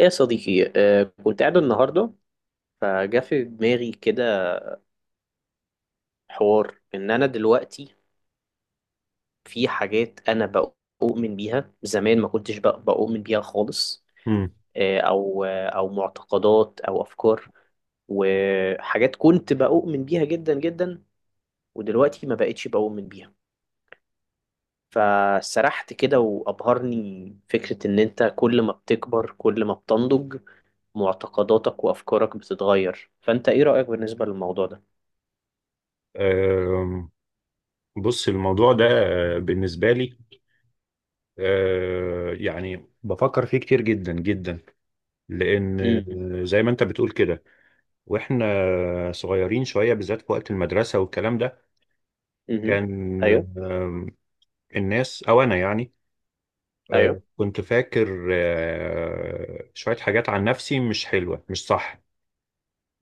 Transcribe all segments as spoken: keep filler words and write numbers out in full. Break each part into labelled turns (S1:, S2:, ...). S1: يا صديقي، آه، كنت قاعد النهاردة. فجا في دماغي كده حوار إن أنا دلوقتي في حاجات أنا بؤمن بيها زمان ما كنتش بق- بؤمن بيها خالص.
S2: مم.
S1: آه، أو آه، أو معتقدات أو أفكار وحاجات كنت بؤمن بيها جدا جدا، ودلوقتي ما بقتش بؤمن بيها. فسرحت كده وأبهرني فكرة إن أنت كل ما بتكبر كل ما بتنضج معتقداتك وأفكارك بتتغير. فأنت إيه رأيك بالنسبة للموضوع
S2: آم، بص الموضوع ده، آه، بالنسبة لي آه، يعني بفكر فيه كتير جدا جدا، لأن
S1: ده؟
S2: آه، زي ما أنت بتقول كده، وإحنا صغيرين شوية بالذات في وقت المدرسة والكلام ده،
S1: مهم.
S2: كان
S1: ايوه،
S2: آم، الناس أو أنا يعني آه،
S1: ايوه.
S2: كنت فاكر آه، شوية حاجات عن نفسي مش حلوة مش صح،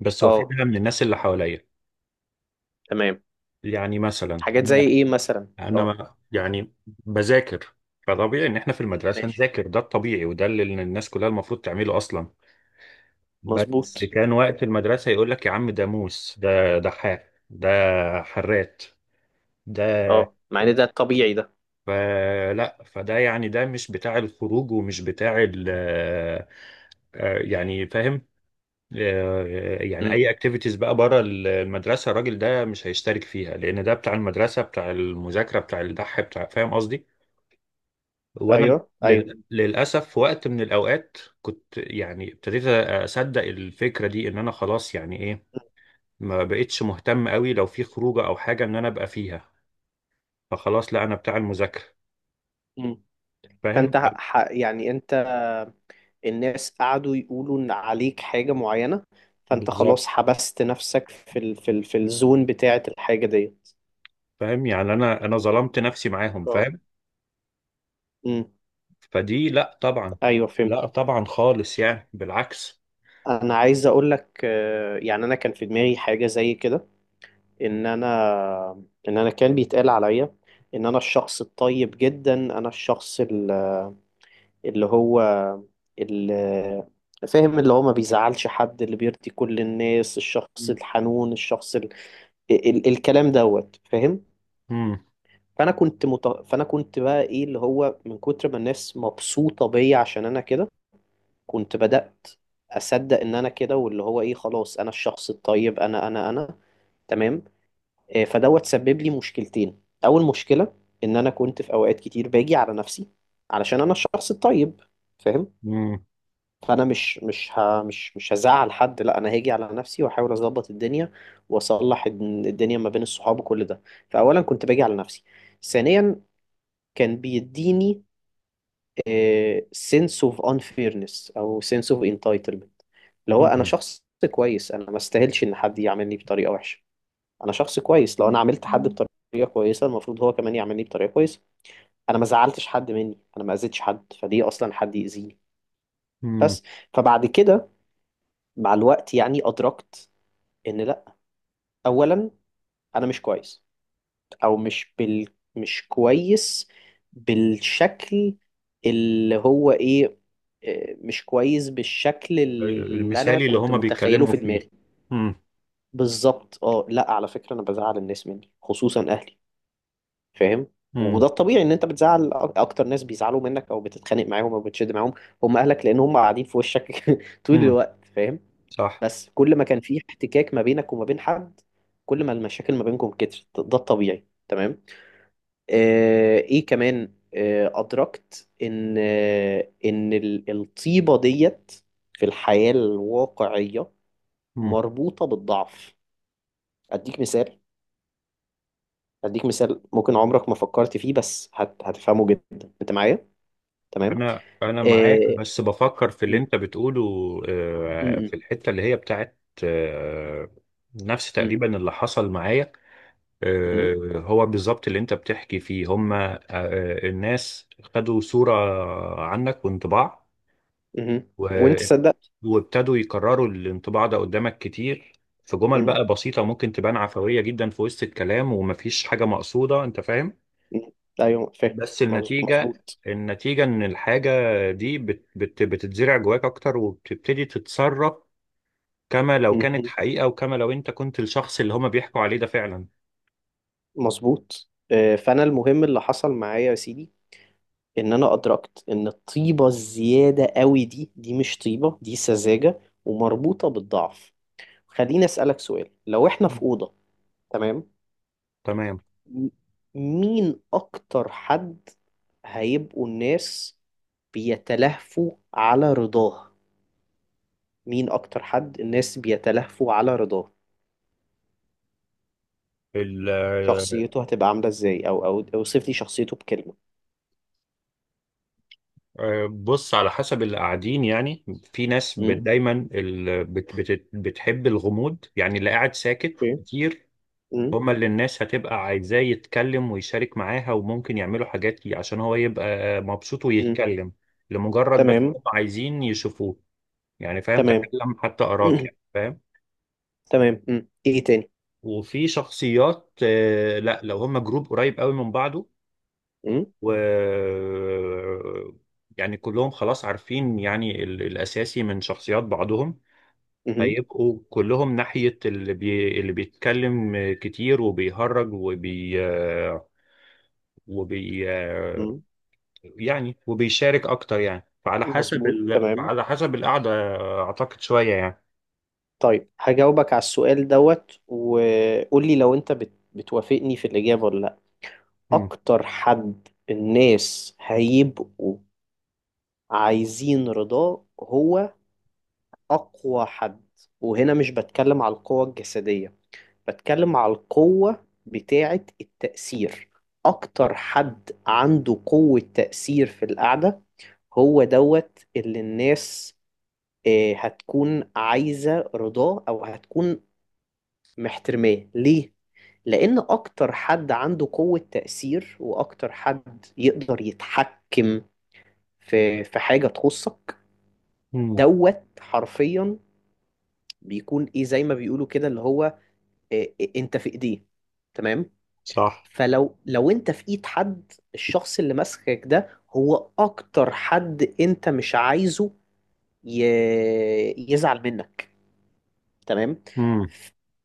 S2: بس
S1: اه،
S2: واخدها من الناس اللي حواليا.
S1: تمام.
S2: يعني مثلا
S1: حاجات زي ايه مثلا؟
S2: انا
S1: اه،
S2: ما- يعني بذاكر، فطبيعي ان احنا في المدرسه
S1: ماشي.
S2: نذاكر، ده الطبيعي وده اللي الناس كلها المفروض تعمله اصلا. بس
S1: مظبوط.
S2: كان وقت المدرسه يقول لك يا عم ده موس، ده دحاح، ده حرات ده.
S1: اه، مع ان ده الطبيعي ده.
S2: فلا فده يعني ده مش بتاع الخروج ومش بتاع ال آه، آه، يعني فاهم. آه، يعني
S1: مم.
S2: اي اكتيفيتيز بقى بره المدرسه الراجل ده مش هيشترك فيها، لان ده بتاع المدرسه، بتاع المذاكره، بتاع الدح، بتاع، فاهم قصدي. وانا
S1: ايوه، ايوه.
S2: لل... للاسف في وقت من الاوقات كنت يعني ابتديت اصدق الفكره دي، ان انا خلاص يعني ايه، ما بقتش مهتم قوي لو في خروجه او حاجه ان انا ابقى فيها. فخلاص لا، انا بتاع المذاكره.
S1: مم.
S2: فاهم.
S1: فانت ح... ح- يعني انت، الناس قعدوا يقولوا ان عليك حاجة معينة، فانت
S2: بالظبط.
S1: خلاص حبست نفسك في ال... في ال... في الزون بتاعة الحاجة ديت.
S2: فاهم، يعني انا انا ظلمت نفسي معاهم،
S1: اه،
S2: فاهم.
S1: امم،
S2: فدي لا طبعا.
S1: ايوه، فهمت.
S2: لا طبعا خالص، يعني بالعكس.
S1: انا عايز اقول لك، آه، يعني انا كان في دماغي حاجة زي كده، ان انا ان انا كان بيتقال عليا ان انا الشخص الطيب جدا، انا الشخص ال- اللي هو، اللي فاهم، اللي هو ما بيزعلش حد، اللي بيرضي كل الناس، الشخص
S2: مم.
S1: الحنون، الشخص ال... ال... الكلام دوت، فاهم.
S2: مم.
S1: فانا كنت مت... فانا كنت بقى ايه، اللي هو من كتر ما الناس مبسوطة بيا عشان انا كده، كنت بدأت اصدق ان انا كده، واللي هو ايه، خلاص انا الشخص الطيب، انا انا انا. تمام. آه، فدوت سبب لي مشكلتين. اول مشكله ان انا كنت في اوقات كتير باجي على نفسي علشان انا الشخص الطيب، فاهم.
S2: مم.
S1: فانا مش مش ه مش مش هزعل حد، لا انا هاجي على نفسي واحاول اظبط الدنيا واصلح الد- الدنيا ما بين الصحاب وكل ده. فاولا كنت باجي على نفسي. ثانيا كان بيديني آه، sense of unfairness او sense of entitlement. اللي هو انا
S2: مم.
S1: شخص كويس، انا ما استاهلش ان حد يعاملني بطريقه وحشه. انا شخص كويس، لو انا عملت حد بطريقه كويسه المفروض هو كمان يعملني بطريقه كويسه. انا ما زعلتش حد مني، انا ما اذيتش حد، فدي اصلا حد يأذيني.
S2: مم.
S1: بس، فبعد كده مع الوقت يعني ادركت ان لا. اولا، انا مش كويس، او مش بال مش كويس بالشكل اللي هو ايه، آه، مش كويس بالشكل اللي انا
S2: المثالي اللي
S1: كنت
S2: هما
S1: متخيله
S2: بيتكلموا
S1: في
S2: فيه.
S1: دماغي.
S2: مم.
S1: بالظبط. اه، لا على فكره انا بزعل الناس مني خصوصا اهلي، فاهم.
S2: مم.
S1: وده الطبيعي، ان انت بتزعل أك- اكتر ناس بيزعلوا منك او بتتخانق معاهم او بتشد معاهم هم اهلك، لان هم قاعدين في وشك طول
S2: مم.
S1: الوقت، فاهم.
S2: صح.
S1: بس كل ما كان في احتكاك ما بينك وما بين حد، كل ما المشاكل ما بينكم كترت ده الطبيعي. تمام. آه ايه كمان، آه ادركت ان آه ان ال- الطيبة ديت في الحياة الواقعية
S2: مم.
S1: مربوطة بالضعف. اديك مثال، اديك مثال ممكن عمرك ما فكرت فيه، بس هت... هتفهمه جدا انت معايا. تمام.
S2: انا انا معاك،
S1: آه،
S2: بس بفكر في اللي
S1: م-
S2: انت بتقوله. آه،
S1: م-
S2: في الحته اللي هي بتاعت آه، نفس
S1: م-
S2: تقريبا اللي حصل معايا.
S1: م-
S2: آه، هو بالظبط اللي انت بتحكي فيه، هما آه، الناس خدوا صوره عنك وانطباع،
S1: م- م- وانت
S2: و-
S1: صدقت.
S2: وابتدوا يكرروا الانطباع ده قدامك كتير، في جمل
S1: م-
S2: بقى بسيطه ممكن تبان عفويه جدا في وسط الكلام ومفيش حاجه مقصوده، انت فاهم.
S1: م. ايوه فاهم.
S2: بس
S1: مظ-
S2: النتيجة
S1: مظبوط.
S2: النتيجة إن الحاجة دي بت بت بتتزرع جواك أكتر، وبتبتدي تتصرف كما لو
S1: م-
S2: كانت
S1: م.
S2: حقيقة وكما لو أنت كنت الشخص اللي هما بيحكوا عليه ده فعلا.
S1: مظبوط. آه، فانا المهم اللي حصل معايا يا سيدي، ان انا ادركت ان الطيبه الزياده قوي دي، دي مش طيبه، دي سذاجه ومربوطه بالضعف. خليني اسالك سؤال. لو احنا في اوضه، تمام.
S2: تمام.
S1: م- مين اكتر حد هيبقوا الناس بيتلهفوا على رضاه؟ مين اكتر حد الناس بيتلهفوا على رضاه؟
S2: ال-
S1: شخصيته هتبقى عامله ازاي، او او اوصف لي شخصيته بكلمه.
S2: آه، بص، على حسب اللي قاعدين يعني. في ناس بت-
S1: امم،
S2: دايما ال- بت- بت- بتحب الغموض، يعني اللي قاعد ساكت
S1: اوكي.
S2: كتير،
S1: امم،
S2: هما اللي الناس هتبقى عايزاه يتكلم ويشارك معاها، وممكن يعملوا حاجات ي- عشان هو يبقى مبسوط
S1: امم.
S2: ويتكلم، لمجرد بس
S1: تمام،
S2: هم عايزين يشوفوه. يعني فاهم،
S1: تمام.
S2: تكلم حتى أراك،
S1: مم.
S2: يعني فاهم.
S1: تمام. امم، ايه تاني؟
S2: وفي شخصيات آه، لا، لو هما جروب قريب قوي من بعضه
S1: امم،
S2: و يعني كلهم خلاص عارفين يعني ال- الأساسي من شخصيات بعضهم،
S1: امم،
S2: هيبقوا كلهم ناحية اللي بي... اللي بيتكلم كتير وبيهرج وبي وبي
S1: امم.
S2: يعني وبيشارك اكتر يعني فعلى حسب
S1: مظبوط،
S2: ال...
S1: تمام.
S2: فعلى حسب القعده. اعتقد شويه يعني.
S1: طيب هجاوبك على السؤال دوت وقول لي لو انت بت... بتوافقني في الاجابه ولا لا.
S2: امم.
S1: اكتر حد الناس هيبقوا عايزين رضاه هو اقوى حد. وهنا مش بتكلم على القوة الجسدية، بتكلم على القوة بتاعة التأثير. أكتر حد عنده قوة تأثير في القعدة هو دوت اللي الناس آه، هتكون عايزة رضاه أو هتكون محترماه. ليه؟ لأن أكتر حد عنده قوة تأثير وأكتر حد يقدر يتحكم في في حاجة تخصك،
S2: امم.
S1: دوت حرفيا. بيكون إيه زي ما بيقولوا كده، اللي هو آه، أنت في إيديه، تمام.
S2: صح.
S1: فلو لو انت في ايد حد، الشخص اللي ماسكك ده هو اكتر حد انت مش عايزه ي... يزعل منك، تمام.
S2: امم.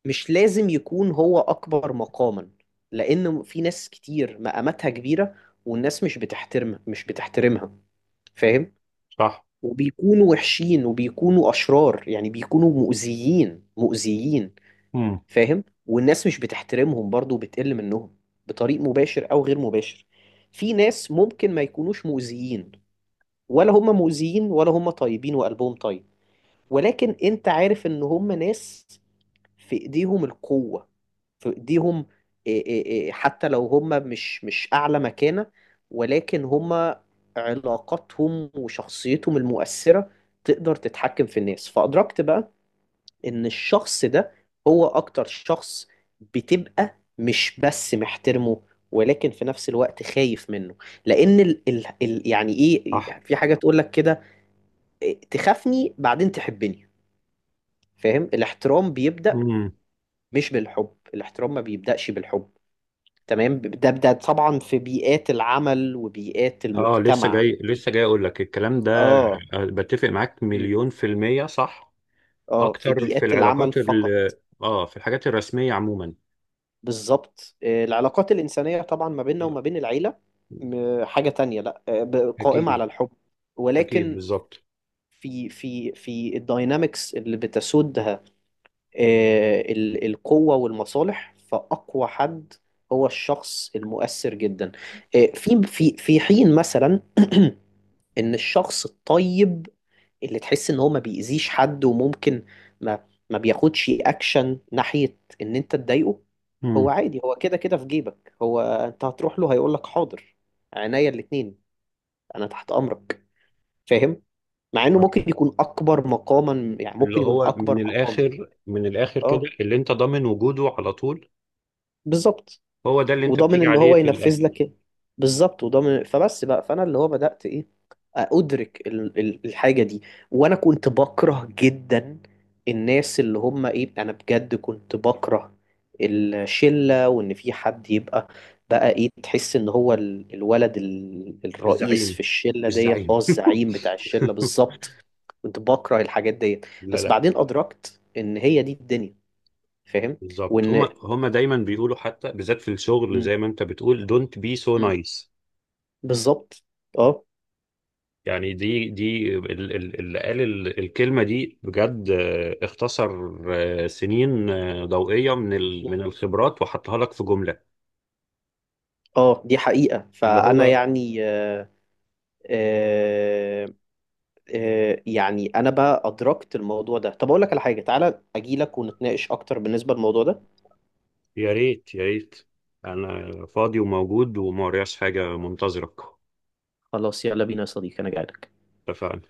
S1: مش لازم يكون هو اكبر مقاما، لان في ناس كتير مقاماتها كبيرة والناس مش بتحترمها، مش بتحترمها، فاهم.
S2: صح.
S1: وبيكونوا وحشين وبيكونوا اشرار، يعني بيكونوا مؤذيين مؤذيين،
S2: امم.
S1: فاهم. والناس مش بتحترمهم برضو وبتقل منهم بطريق مباشر او غير مباشر. في ناس ممكن ما يكونوش مؤذيين، ولا هم مؤذيين ولا هم طيبين وقلبهم طيب، ولكن انت عارف ان هم ناس في ايديهم القوة، في ايديهم إيه إيه إيه، حتى لو هم مش مش اعلى مكانة، ولكن هم علاقاتهم وشخصيتهم المؤثرة تقدر تتحكم في الناس. فأدركت بقى ان الشخص ده هو اكتر شخص بتبقى مش بس محترمه، ولكن في نفس الوقت خايف منه. لان ال ال ال يعني ايه،
S2: صح.
S1: في حاجة تقول لك كده، إيه، تخافني بعدين تحبني، فاهم. الاحترام بيبدأ
S2: امم.
S1: مش بالحب، الاحترام ما بيبدأش بالحب. تمام. ده ده طبعا في بيئات العمل وبيئات
S2: اه لسه
S1: المجتمع.
S2: جاي لسه جاي اقول لك الكلام ده.
S1: اه،
S2: آه، بتفق معاك
S1: بي-
S2: مليون في المية، صح.
S1: اه في
S2: اكتر في
S1: بيئات العمل
S2: العلاقات ال...
S1: فقط.
S2: اه في الحاجات الرسمية عموما.
S1: بالظبط. آه، العلاقات الإنسانية طبعا ما بيننا وما بين العيلة، م- حاجة تانية. لا آه، ب- قائمة
S2: اكيد.
S1: على الحب،
S2: اكيد
S1: ولكن
S2: بالظبط.
S1: في في في الداينامكس اللي بتسودها آه، ال- القوة والمصالح، فأقوى حد هو الشخص المؤثر جدا. آه، في في في حين مثلا إن الشخص الطيب اللي تحس ان هو ما بيأذيش حد وممكن ما ما بياخدش اكشن ناحية ان انت تضايقه، هو
S2: امم.
S1: عادي، هو كده كده في جيبك، هو انت هتروح له هيقول لك حاضر، عينيا الاتنين، انا تحت امرك، فاهم. مع انه ممكن يكون اكبر مقاما، يعني
S2: اللي
S1: ممكن يكون
S2: هو
S1: اكبر
S2: من
S1: مقام.
S2: الاخر، من الاخر كده،
S1: اه،
S2: اللي انت ضامن وجوده على طول،
S1: بالظبط
S2: هو ده اللي انت
S1: وضامن
S2: بتيجي
S1: اللي
S2: عليه
S1: هو
S2: في
S1: ينفذ
S2: الاخر.
S1: لك إيه. بالظبط وضامن. فبس بقى، فانا اللي هو بدات ايه، ادرك ال- ال- الحاجه دي. وانا كنت بكره جدا الناس اللي هم ايه، انا بجد كنت بكره الشله وان في حد يبقى بقى ايه، تحس ان هو ال- الولد ال-
S2: مش
S1: الرئيس
S2: زعيم.
S1: في الشله
S2: مش
S1: ديت، اه
S2: زعيم.
S1: الزعيم بتاع الشله، بالظبط. كنت بكره الحاجات ديت.
S2: لا
S1: بس
S2: لا.
S1: بعدين ادركت ان هي دي الدنيا، فاهم.
S2: بالظبط، هما
S1: وان
S2: هما دايما بيقولوا حتى بالذات في الشغل،
S1: م-
S2: زي ما انت بتقول don't be so
S1: م-
S2: nice.
S1: بالظبط. اه،
S2: يعني دي دي ال- ال- اللي قال ال- الكلمة دي بجد، آه، اختصر آه، سنين آه، ضوئية من ال- من الخبرات وحطها لك في جملة.
S1: اه دي حقيقة.
S2: اللي
S1: فأنا
S2: هو
S1: يعني، آه، آه، آه، يعني أنا بقى أدركت الموضوع ده. طب أقول لك على حاجة، تعالى أجي لك ونتناقش أكتر بالنسبة للموضوع ده.
S2: يا ريت يا ريت، انا فاضي وموجود وما ورياش حاجة منتظرك.
S1: خلاص، يلا بينا يا صديقي، أنا جاي لك.
S2: اتفقنا.